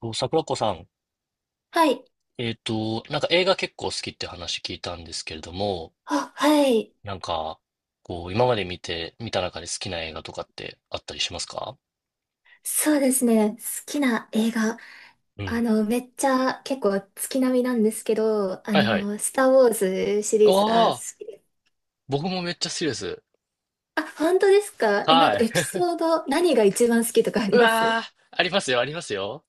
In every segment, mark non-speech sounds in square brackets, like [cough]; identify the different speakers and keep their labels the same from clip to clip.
Speaker 1: そう桜子さん、
Speaker 2: はい。
Speaker 1: なんか映画結構好きって話聞いたんですけれども、
Speaker 2: あ、はい。
Speaker 1: なんか、こう、今まで見て、見た中で好きな映画とかってあったりしますか？
Speaker 2: そうですね。好きな映画。
Speaker 1: うん。
Speaker 2: めっちゃ結構月並みなんですけど、
Speaker 1: はいはい。
Speaker 2: スター・ウォーズシ
Speaker 1: あ
Speaker 2: リーズが好
Speaker 1: あ、
Speaker 2: きです。
Speaker 1: 僕もめっちゃ好きです。
Speaker 2: あ、本当ですか？え、なんか
Speaker 1: はい。
Speaker 2: エピ
Speaker 1: [laughs]
Speaker 2: ソード、何が一番好きとかあ
Speaker 1: う
Speaker 2: ります？
Speaker 1: わー、ありますよ、ありますよ。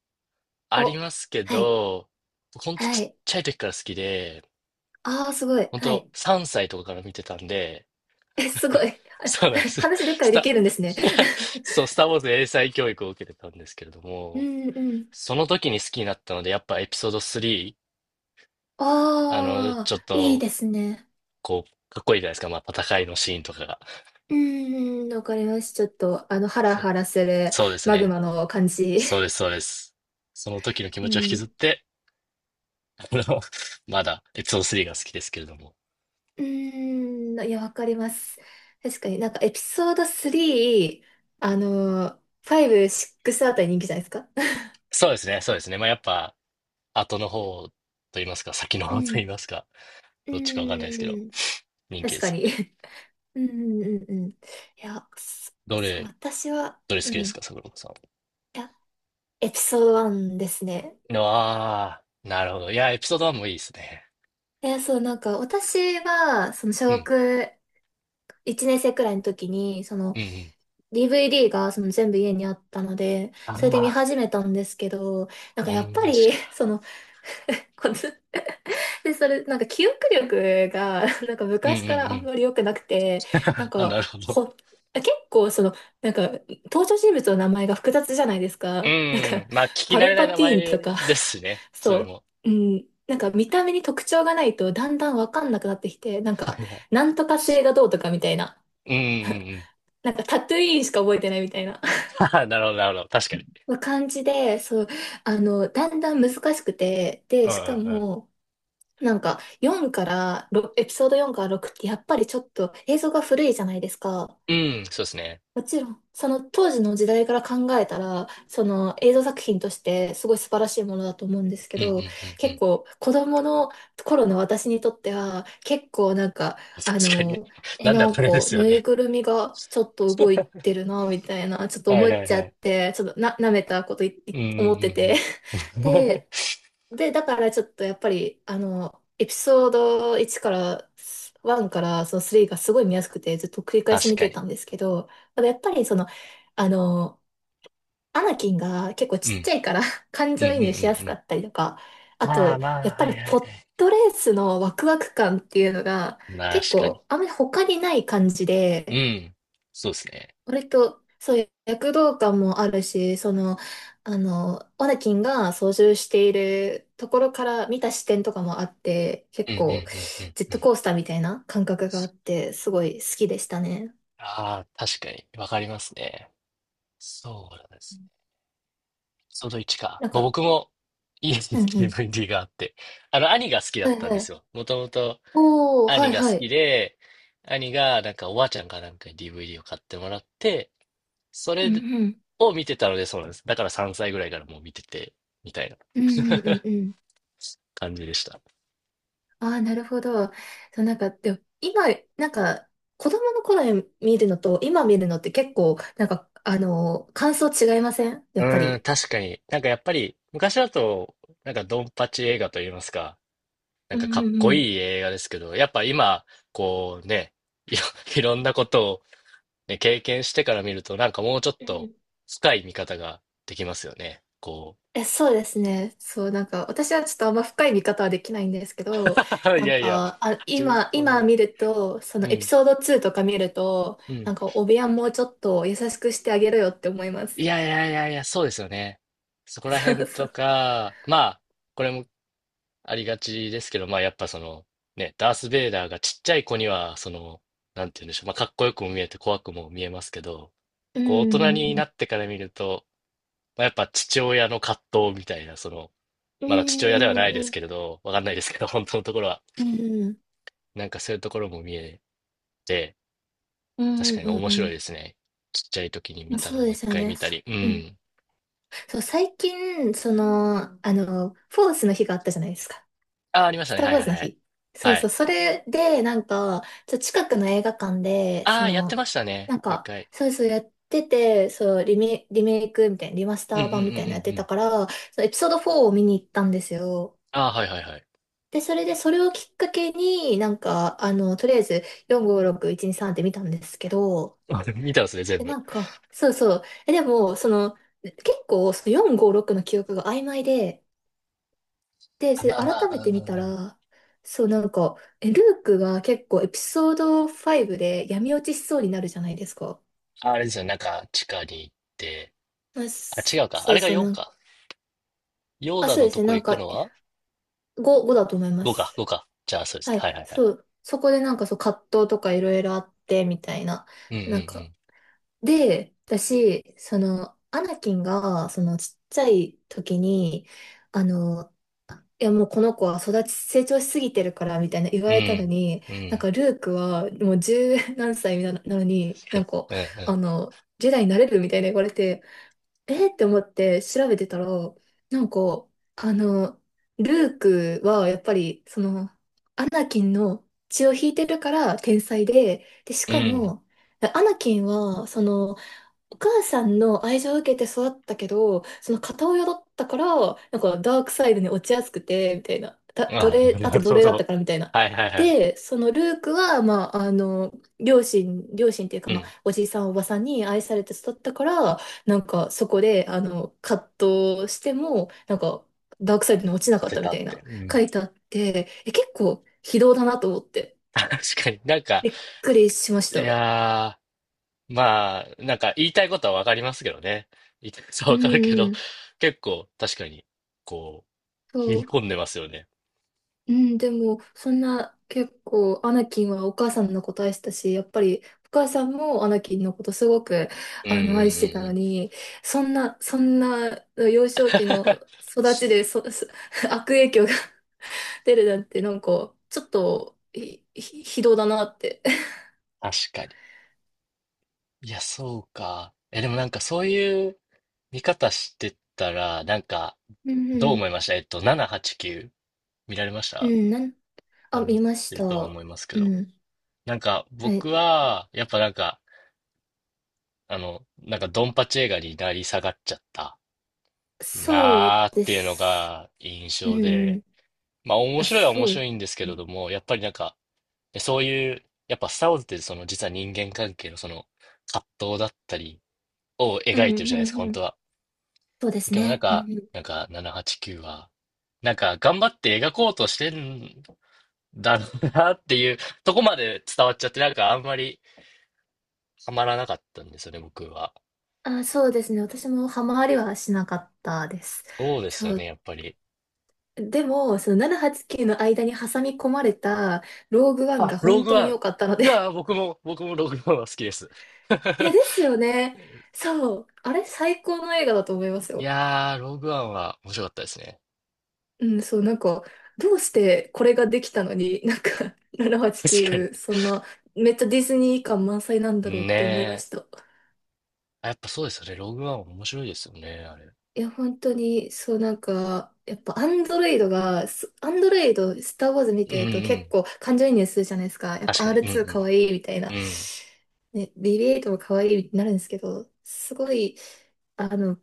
Speaker 1: あり
Speaker 2: お、
Speaker 1: ますけ
Speaker 2: はい。
Speaker 1: ど、ほんと
Speaker 2: は
Speaker 1: ちっ
Speaker 2: い。
Speaker 1: ちゃい時から好きで、
Speaker 2: ああ、すごい。
Speaker 1: ほん
Speaker 2: は
Speaker 1: と
Speaker 2: い。
Speaker 1: 3歳とかから見てたんで、
Speaker 2: え、すごい。
Speaker 1: そうなんで
Speaker 2: [laughs]
Speaker 1: す。
Speaker 2: 話でっか
Speaker 1: ス
Speaker 2: いで
Speaker 1: タ、
Speaker 2: きるんですね。
Speaker 1: [laughs] そう、スター・ウォーズ英才教育を受けてたんですけれど
Speaker 2: [laughs] う
Speaker 1: も、
Speaker 2: んうん。
Speaker 1: その時に好きになったので、やっぱエピソード3、
Speaker 2: あ
Speaker 1: ちょっ
Speaker 2: あ、いい
Speaker 1: と、
Speaker 2: ですね。
Speaker 1: こう、かっこいいじゃないですか。まあ、戦いのシーンとかが。
Speaker 2: うんうん、わかります。ちょっと、ハラ
Speaker 1: そ、
Speaker 2: ハラする
Speaker 1: そうです
Speaker 2: マグ
Speaker 1: ね。
Speaker 2: マの感じ。
Speaker 1: そうです、そうです。その時の気
Speaker 2: う
Speaker 1: 持ちを引き
Speaker 2: ん。
Speaker 1: ずって、あの、[laughs] まだエピソード3が好きですけれども。
Speaker 2: うーん。いや、わかります。確かになんかエピソード3、あのファイブシッ5、6あたり人気じゃないですか。
Speaker 1: そうですね、そうですね。まあ、やっぱ、後の方と言いますか、先の
Speaker 2: う
Speaker 1: 方と言い
Speaker 2: ん。
Speaker 1: ますか、
Speaker 2: う
Speaker 1: どっちかわかんないですけど、
Speaker 2: ーん。
Speaker 1: 人気
Speaker 2: 確
Speaker 1: で
Speaker 2: か
Speaker 1: すよ
Speaker 2: に。
Speaker 1: ね。
Speaker 2: うんうんうんうん。いや、そ
Speaker 1: ど
Speaker 2: そう、
Speaker 1: れ、
Speaker 2: 私は、
Speaker 1: どれ好
Speaker 2: うん。
Speaker 1: きです
Speaker 2: い
Speaker 1: か、桜子さ
Speaker 2: や、エピソード1ですね。
Speaker 1: ん？ああ、なるほど。いや、エピソード1もいいですね。
Speaker 2: いや、そう、なんか、私は、小
Speaker 1: うん、
Speaker 2: 学1年生くらいの時に、
Speaker 1: うん、うん。
Speaker 2: DVD が全部家にあったので、それで見
Speaker 1: あ
Speaker 2: 始めたんですけど、なん
Speaker 1: あ、
Speaker 2: かやっぱ
Speaker 1: 同じ
Speaker 2: り、[laughs]
Speaker 1: だ。
Speaker 2: [laughs] こので、それ、なんか記憶力が、なんか
Speaker 1: うんう
Speaker 2: 昔から
Speaker 1: んう
Speaker 2: あん
Speaker 1: ん。
Speaker 2: まり良くなくて、なん
Speaker 1: あ、
Speaker 2: か、
Speaker 1: なるほど。
Speaker 2: ほ、結構なんか、登場人物の名前が複雑じゃないです
Speaker 1: う
Speaker 2: か。なん
Speaker 1: ん。
Speaker 2: か、
Speaker 1: まあ、聞き
Speaker 2: パ
Speaker 1: 慣
Speaker 2: ル
Speaker 1: れない
Speaker 2: パ
Speaker 1: 名
Speaker 2: ティーンと
Speaker 1: 前
Speaker 2: か、
Speaker 1: ですしね。
Speaker 2: [laughs]
Speaker 1: それ
Speaker 2: そ
Speaker 1: も。
Speaker 2: う、うん、なんか見た目に特徴がないとだんだんわかんなくなってきて、なん
Speaker 1: は
Speaker 2: か、
Speaker 1: いはい。
Speaker 2: なんとか星がどうとかみたいな、
Speaker 1: うんうんうん。
Speaker 2: なんかタトゥイーンしか覚えてないみたいな。
Speaker 1: [laughs] ははなるほど、なるほど。確かに。
Speaker 2: まあ感じで、そう、だんだん難しくて、
Speaker 1: う
Speaker 2: で、
Speaker 1: んう
Speaker 2: しか
Speaker 1: ん
Speaker 2: も、なんか、4から、ろエピソード4から6って、やっぱりちょっと映像が古いじゃないですか。
Speaker 1: うん。うん、そうですね。
Speaker 2: もちろん、その当時の時代から考えたら、その映像作品としてすごい素晴らしいものだと思うんです
Speaker 1: う
Speaker 2: け
Speaker 1: んう
Speaker 2: ど、
Speaker 1: んうんう
Speaker 2: 結
Speaker 1: ん。
Speaker 2: 構子供の頃の私にとっては、結構なんか、あ
Speaker 1: 確かに。
Speaker 2: の、
Speaker 1: なんだ
Speaker 2: なん
Speaker 1: これで
Speaker 2: か
Speaker 1: すよ
Speaker 2: ぬい
Speaker 1: ね。
Speaker 2: ぐるみがちょっと動い
Speaker 1: [laughs]
Speaker 2: てるな、みたいな、ちょっと
Speaker 1: は
Speaker 2: 思
Speaker 1: い
Speaker 2: っ
Speaker 1: はい
Speaker 2: ちゃ
Speaker 1: は
Speaker 2: っ
Speaker 1: い。
Speaker 2: て、ちょっとな、舐めたことい
Speaker 1: う
Speaker 2: い
Speaker 1: んうん
Speaker 2: 思ってて。[laughs]
Speaker 1: うんうん。
Speaker 2: で
Speaker 1: [laughs]
Speaker 2: で、だからちょっとやっぱり、エピソード1から、1からその3がすごい見やすくてずっと繰り返し
Speaker 1: 確
Speaker 2: 見
Speaker 1: か
Speaker 2: て
Speaker 1: に。
Speaker 2: たんですけど、ただやっぱりあの、アナキンが結構
Speaker 1: う
Speaker 2: ちっち
Speaker 1: ん。
Speaker 2: ゃいから [laughs] 感
Speaker 1: うん
Speaker 2: 情
Speaker 1: う
Speaker 2: 移
Speaker 1: ん
Speaker 2: 入しや
Speaker 1: う
Speaker 2: す
Speaker 1: んう
Speaker 2: か
Speaker 1: ん。
Speaker 2: ったりとか、あ
Speaker 1: まあ
Speaker 2: と、や
Speaker 1: ま
Speaker 2: っ
Speaker 1: あ、
Speaker 2: ぱ
Speaker 1: は
Speaker 2: り
Speaker 1: いは
Speaker 2: ポ
Speaker 1: いは
Speaker 2: ットレースのワクワク感っていうのが
Speaker 1: い。
Speaker 2: 結
Speaker 1: 確かに。
Speaker 2: 構あんまり他にない感じ
Speaker 1: う
Speaker 2: で、
Speaker 1: ん。そうですね。
Speaker 2: 割と、そういう躍動感もあるし、オネキンが操縦しているところから見た視点とかもあって、
Speaker 1: う
Speaker 2: 結
Speaker 1: んうん
Speaker 2: 構、
Speaker 1: うんうん
Speaker 2: ジェッ
Speaker 1: う
Speaker 2: ト
Speaker 1: ん。
Speaker 2: コースターみたいな感覚があって、すごい好きでしたね。
Speaker 1: ああ、確かに。わかりますね。そうなんですね。その1か。
Speaker 2: なん
Speaker 1: まあ、
Speaker 2: か、
Speaker 1: 僕も家に
Speaker 2: うんうん。
Speaker 1: DVD があって、あの、兄が好きだ
Speaker 2: は
Speaker 1: っ
Speaker 2: い
Speaker 1: たん
Speaker 2: は
Speaker 1: です
Speaker 2: い。
Speaker 1: よ。もともと
Speaker 2: おー、は
Speaker 1: 兄
Speaker 2: い
Speaker 1: が好
Speaker 2: は
Speaker 1: き
Speaker 2: い。
Speaker 1: で、兄がなんかおばあちゃんかなんかに DVD を買ってもらって、そ
Speaker 2: うん
Speaker 1: れ
Speaker 2: うん。
Speaker 1: を見てたのでそうなんです。だから3歳ぐらいからもう見てて、みたいな
Speaker 2: うんうんうんうん。
Speaker 1: 感じでした。
Speaker 2: ああ、なるほど。そう、なんか、でも今、なんか、子供の頃に見るのと、今見るのって結構、なんか、感想違いません？や
Speaker 1: う
Speaker 2: っぱ
Speaker 1: ーん、
Speaker 2: り。
Speaker 1: 確かに。なんかやっぱり昔だと、なんかドンパチ映画といいますか、なん
Speaker 2: う
Speaker 1: か
Speaker 2: ん
Speaker 1: かっ
Speaker 2: うん
Speaker 1: こ
Speaker 2: うん。
Speaker 1: いい映画ですけど、やっぱ今、こうね、いろいろんなことをね、経験してから見ると、なんかもうちょっ
Speaker 2: う
Speaker 1: と
Speaker 2: ん、
Speaker 1: 深い見方ができますよね。こう。
Speaker 2: え、そうですね。そう、なんか、私はちょっとあんま深い見方はできないんですけど、
Speaker 1: [laughs] い
Speaker 2: なん
Speaker 1: やいや、
Speaker 2: か、あ、
Speaker 1: 自分、
Speaker 2: 今、
Speaker 1: そんな
Speaker 2: 今
Speaker 1: に。
Speaker 2: 見ると、その
Speaker 1: う
Speaker 2: エピ
Speaker 1: ん、
Speaker 2: ソード2とか見ると、
Speaker 1: うん。
Speaker 2: なんか、お部屋もうちょっと優しくしてあげろよって思いま
Speaker 1: い
Speaker 2: す。
Speaker 1: やいやいやいや、そうですよね。そこ
Speaker 2: [laughs]
Speaker 1: ら
Speaker 2: そ
Speaker 1: 辺
Speaker 2: うそ
Speaker 1: と
Speaker 2: う。
Speaker 1: か、まあ、これもありがちですけど、まあやっぱその、ね、ダース・ベイダーがちっちゃい子には、その、なんて言うんでしょう、まあかっこよくも見えて怖くも見えますけど、
Speaker 2: う
Speaker 1: こう大人にな
Speaker 2: ん、
Speaker 1: ってから見ると、まあ、やっぱ父親の葛藤みたいな、その、
Speaker 2: う
Speaker 1: まだ父親では
Speaker 2: ん、
Speaker 1: ないで
Speaker 2: う
Speaker 1: す
Speaker 2: ん、
Speaker 1: けれど、わかんないですけど、本当のところは、
Speaker 2: うん、うん、
Speaker 1: なんかそういうところも見えて、
Speaker 2: う
Speaker 1: 確
Speaker 2: ん、
Speaker 1: かに面
Speaker 2: う
Speaker 1: 白い
Speaker 2: ん、
Speaker 1: ですね。ちっちゃい時に
Speaker 2: う
Speaker 1: 見
Speaker 2: ん、
Speaker 1: た
Speaker 2: そ
Speaker 1: の
Speaker 2: う
Speaker 1: も
Speaker 2: で
Speaker 1: う一
Speaker 2: すよ
Speaker 1: 回
Speaker 2: ね。
Speaker 1: 見た
Speaker 2: そ
Speaker 1: り。う
Speaker 2: う、うん。
Speaker 1: ん。
Speaker 2: そう、最近、フォースの日があったじゃないですか。
Speaker 1: ああ、ありまし
Speaker 2: ス
Speaker 1: たね。
Speaker 2: ター・ウ
Speaker 1: はい
Speaker 2: ォー
Speaker 1: はい
Speaker 2: ズの
Speaker 1: はい。
Speaker 2: 日。そう
Speaker 1: は
Speaker 2: そう、
Speaker 1: い。
Speaker 2: それで、なんか、近くの映画館で、
Speaker 1: ああ、やってましたね。
Speaker 2: なん
Speaker 1: もう一
Speaker 2: か、
Speaker 1: 回。
Speaker 2: そうそうやってて、そう、リメイクみたいな、リマス
Speaker 1: うんう
Speaker 2: タ
Speaker 1: ん
Speaker 2: ー
Speaker 1: うんう
Speaker 2: 版みたいなのやっ
Speaker 1: ん
Speaker 2: て
Speaker 1: う
Speaker 2: た
Speaker 1: ん。
Speaker 2: から、そのエピソード4を見に行ったんですよ。
Speaker 1: ああ、はいはいはい。
Speaker 2: で、それで、それをきっかけに、なんか、とりあえず、4、5、6、1、2、3って見たんですけど、
Speaker 1: あでも見たんですね、全
Speaker 2: で、
Speaker 1: 部。
Speaker 2: なんか、そうそう、え、でも、その、結構、その4、5、6の記憶が曖昧で、で、
Speaker 1: あ、
Speaker 2: それ
Speaker 1: まあま
Speaker 2: 改
Speaker 1: あ、
Speaker 2: め
Speaker 1: う
Speaker 2: て
Speaker 1: んう
Speaker 2: 見た
Speaker 1: んうん。
Speaker 2: ら、そうなんか、え、ルークが結構エピソード5で闇落ちしそうになるじゃないですか。
Speaker 1: ああれですよね、なんか地下に行って。
Speaker 2: まあ、
Speaker 1: あ、違
Speaker 2: す
Speaker 1: うか。あ
Speaker 2: そ
Speaker 1: れ
Speaker 2: う
Speaker 1: が
Speaker 2: そうな
Speaker 1: 4
Speaker 2: ん、
Speaker 1: か。ヨー
Speaker 2: あ、
Speaker 1: ダ
Speaker 2: そう
Speaker 1: の
Speaker 2: で
Speaker 1: と
Speaker 2: すね、
Speaker 1: こ
Speaker 2: なん
Speaker 1: 行く
Speaker 2: か
Speaker 1: のは ?5 か、
Speaker 2: 5だと思います。
Speaker 1: 5か。じゃあ、そうですね。
Speaker 2: はい、
Speaker 1: はいはいはい。
Speaker 2: そう、そこでなんかそう葛藤とかいろいろあってみたいな。
Speaker 1: う
Speaker 2: なんか、
Speaker 1: ん
Speaker 2: で、私、アナキンがそのちっちゃい時に、あの、いやもうこの子は成長しすぎてるからみたいな言わ
Speaker 1: う
Speaker 2: れたの
Speaker 1: ん
Speaker 2: に、
Speaker 1: うん。うん。う
Speaker 2: なん
Speaker 1: ん。
Speaker 2: かルークはもう十何歳なのに、
Speaker 1: は
Speaker 2: なん
Speaker 1: い。
Speaker 2: か、
Speaker 1: う
Speaker 2: あ
Speaker 1: ん
Speaker 2: の、ジェダイになれるみたいな言われて、えーって思って調べてたら、なんか、あの、ルークはやっぱり、その、アナキンの血を引いてるから天才で、で、し
Speaker 1: う
Speaker 2: か
Speaker 1: ん。
Speaker 2: も、アナキンは、お母さんの愛情を受けて育ったけど、その片親だったから、なんかダークサイドに落ちやすくて、みたいな。
Speaker 1: うん。
Speaker 2: 奴
Speaker 1: あ、
Speaker 2: 隷、あ
Speaker 1: な
Speaker 2: と
Speaker 1: る
Speaker 2: 奴
Speaker 1: ほ
Speaker 2: 隷だっ
Speaker 1: ど。
Speaker 2: たからみたいな。
Speaker 1: はいはいはい。
Speaker 2: で、そのルークは、まあ、両親、両親っていうか、
Speaker 1: う
Speaker 2: まあ、
Speaker 1: ん
Speaker 2: おじいさんおばさんに愛されて育ったから、なんかそこで、葛藤しても、なんか、ダークサイドに落ちな
Speaker 1: 当
Speaker 2: かっ
Speaker 1: て
Speaker 2: たみ
Speaker 1: た
Speaker 2: た
Speaker 1: っ
Speaker 2: い
Speaker 1: て。
Speaker 2: な、
Speaker 1: う
Speaker 2: 書
Speaker 1: ん。
Speaker 2: いてあって、え、結構、非道だなと思って、
Speaker 1: [laughs] 確かになんか、
Speaker 2: びっくりしまし
Speaker 1: い
Speaker 2: た。
Speaker 1: やー、まあ、なんか言いたいことはわかりますけどね。言いたいことは
Speaker 2: う
Speaker 1: わかるけ
Speaker 2: ん
Speaker 1: ど、
Speaker 2: うん、
Speaker 1: 結構確かに、こう、
Speaker 2: そ
Speaker 1: 切り
Speaker 2: う。
Speaker 1: 込んでますよね。
Speaker 2: うん、でも、そんな、結構、アナキンはお母さんのこと愛してたし、やっぱり、お母さんもアナキンのことすごく、
Speaker 1: うんうんう
Speaker 2: 愛してた
Speaker 1: んう
Speaker 2: の
Speaker 1: ん。
Speaker 2: に、そんな、幼少期の育ちで、[laughs] 悪影響が [laughs] 出るなんて、なんか、ちょっと、ひどだなって。
Speaker 1: 確かに。いや、そうか。え、でもなんかそういう見方してたら、なんか、
Speaker 2: うん
Speaker 1: どう
Speaker 2: う
Speaker 1: 思
Speaker 2: ん。
Speaker 1: いました？789見られまし
Speaker 2: う
Speaker 1: た？
Speaker 2: ん、
Speaker 1: ま
Speaker 2: あ、
Speaker 1: あ見
Speaker 2: 見
Speaker 1: て
Speaker 2: まし
Speaker 1: る
Speaker 2: た。
Speaker 1: とは思いますけ
Speaker 2: う
Speaker 1: ど。
Speaker 2: ん。
Speaker 1: なんか
Speaker 2: はい。
Speaker 1: 僕は、やっぱなんか、なんかドンパチ映画になり下がっちゃった
Speaker 2: そう
Speaker 1: なーっ
Speaker 2: で
Speaker 1: ていうの
Speaker 2: す。
Speaker 1: が印
Speaker 2: う
Speaker 1: 象
Speaker 2: んう
Speaker 1: で、
Speaker 2: ん。
Speaker 1: まあ面
Speaker 2: あ、
Speaker 1: 白いは面
Speaker 2: そ
Speaker 1: 白
Speaker 2: う。
Speaker 1: いんですけれども、やっぱりなんか、そういう、やっぱスター・ウォーズってその実は人間関係のその葛藤だったりを
Speaker 2: う
Speaker 1: 描い
Speaker 2: んう
Speaker 1: てる
Speaker 2: ん
Speaker 1: じゃないですか、
Speaker 2: うんう
Speaker 1: 本
Speaker 2: ん。
Speaker 1: 当は。
Speaker 2: そうです
Speaker 1: でもなん
Speaker 2: ね。うん
Speaker 1: か、
Speaker 2: うん、
Speaker 1: 789はちきゅうは、なんか頑張って描こうとしてんだろうなっていうとこまで伝わっちゃって、なんかあんまりハマらなかったんですよね、僕は。
Speaker 2: あ、そうですね。私もハマりはしなかったです。
Speaker 1: そうですよ
Speaker 2: そ
Speaker 1: ね、
Speaker 2: う。
Speaker 1: やっぱり。
Speaker 2: でも、その789の間に挟み込まれたローグワン
Speaker 1: あ、
Speaker 2: が
Speaker 1: ロー
Speaker 2: 本
Speaker 1: グ
Speaker 2: 当
Speaker 1: ワ
Speaker 2: に良かったの
Speaker 1: ン。い
Speaker 2: で
Speaker 1: やー、
Speaker 2: [laughs]
Speaker 1: 僕もローグワンは好きです。
Speaker 2: い
Speaker 1: [laughs]
Speaker 2: や、ですよね。そう。あれ、最高の映画だと思います
Speaker 1: い
Speaker 2: よ。
Speaker 1: やー、ローグワンは面白かったですね。
Speaker 2: うん、そう、なんか、どうしてこれができたのに、[laughs] なんか、
Speaker 1: 確かに。
Speaker 2: 789、そんな、めっちゃディズニー感満載なんだろうっ
Speaker 1: ね
Speaker 2: て思いま
Speaker 1: え。
Speaker 2: した。
Speaker 1: あやっぱそうですよね。ローグワン面白いですよね、あれ。
Speaker 2: いや、本当に、そう、なんか、やっぱ、アンドロイド、スター・ウォーズ見
Speaker 1: うん
Speaker 2: て
Speaker 1: う
Speaker 2: ると結
Speaker 1: ん。
Speaker 2: 構感情移入するじゃないですか。やっ
Speaker 1: 確
Speaker 2: ぱ
Speaker 1: かに。うん
Speaker 2: R2 かわ
Speaker 1: う
Speaker 2: いいみたいな。
Speaker 1: ん。う
Speaker 2: ね、BB8 もかわいいになるんですけど、すごい、あの、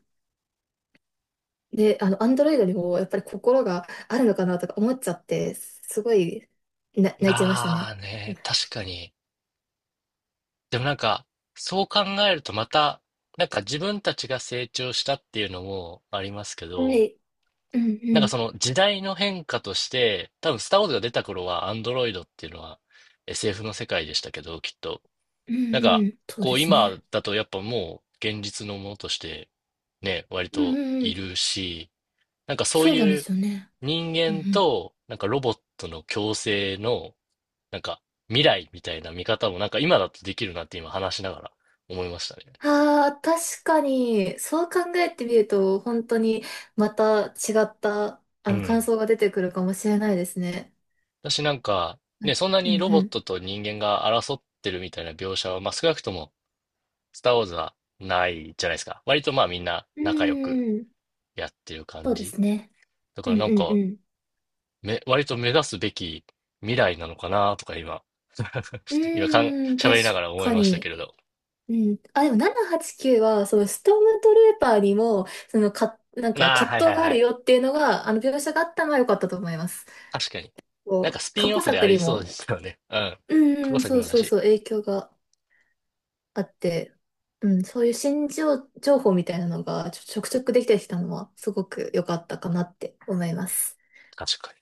Speaker 2: で、あの、アンドロイドにもやっぱり心があるのかなとか思っちゃって、すごい、
Speaker 1: ん。
Speaker 2: 泣いちゃいました
Speaker 1: ああ
Speaker 2: ね。
Speaker 1: ね、確かに。でもなんか、そう考えるとまた、なんか自分たちが成長したっていうのもありますけ
Speaker 2: は
Speaker 1: ど、
Speaker 2: い。うんう
Speaker 1: なんかそ
Speaker 2: ん。
Speaker 1: の時代の変化として、多分スター・ウォーズが出た頃はアンドロイドっていうのは SF の世界でしたけど、きっと。
Speaker 2: うん
Speaker 1: なんか、
Speaker 2: うん。そう
Speaker 1: こ
Speaker 2: で
Speaker 1: う
Speaker 2: す
Speaker 1: 今
Speaker 2: ね。
Speaker 1: だとやっぱもう現実のものとしてね、割
Speaker 2: うん
Speaker 1: と
Speaker 2: うんう
Speaker 1: い
Speaker 2: ん。
Speaker 1: るし、なんかそう
Speaker 2: そうなんで
Speaker 1: いう
Speaker 2: すよね。
Speaker 1: 人
Speaker 2: うんう
Speaker 1: 間
Speaker 2: ん、
Speaker 1: となんかロボットの共生のなんか未来みたいな見方もなんか今だとできるなって今話しながら思いましたね。
Speaker 2: ああ、確かに、そう考えてみると、本当にまた違った、
Speaker 1: う
Speaker 2: 感
Speaker 1: ん。
Speaker 2: 想が出てくるかもしれないですね。
Speaker 1: 私なんか
Speaker 2: は
Speaker 1: ね、
Speaker 2: い、
Speaker 1: そんな
Speaker 2: う
Speaker 1: にロボッ
Speaker 2: ん
Speaker 1: トと人間が争ってるみたいな描写は、まあ少なくともスター・ウォーズはないじゃないですか。割とまあみんな
Speaker 2: うん。
Speaker 1: 仲良く
Speaker 2: うーん、
Speaker 1: やってる感
Speaker 2: そうで
Speaker 1: じ。
Speaker 2: すね。
Speaker 1: だか
Speaker 2: う
Speaker 1: ら
Speaker 2: ん
Speaker 1: なん
Speaker 2: うんう
Speaker 1: か、
Speaker 2: ん。
Speaker 1: 割と目指すべき未来なのかなとか今、
Speaker 2: う
Speaker 1: 今かん、
Speaker 2: ーん、
Speaker 1: 喋
Speaker 2: 確
Speaker 1: りながら思い
Speaker 2: か
Speaker 1: ましたけ
Speaker 2: に。
Speaker 1: れど。
Speaker 2: うん。あ、でも789はちきゅうは、そのストームトルーパーにも、そのか、なん
Speaker 1: あ
Speaker 2: か
Speaker 1: あ、はい
Speaker 2: 葛
Speaker 1: は
Speaker 2: 藤
Speaker 1: い
Speaker 2: があ
Speaker 1: は
Speaker 2: る
Speaker 1: い。
Speaker 2: よっていうのが、描写があったのは良かったと思います。
Speaker 1: 確かに。なん
Speaker 2: こ
Speaker 1: か
Speaker 2: う、
Speaker 1: スピ
Speaker 2: 過
Speaker 1: ンオ
Speaker 2: 去
Speaker 1: フであ
Speaker 2: 作
Speaker 1: り
Speaker 2: に
Speaker 1: そうで
Speaker 2: も、
Speaker 1: すよね。うん。
Speaker 2: うん
Speaker 1: 過
Speaker 2: う
Speaker 1: 去
Speaker 2: ん、
Speaker 1: 作
Speaker 2: そう
Speaker 1: もだ
Speaker 2: そう
Speaker 1: し。
Speaker 2: そう、影響があって、うん、そういう情報みたいなのがちょくちょくできてきたのはすごく良かったかなって思います。
Speaker 1: 確かに。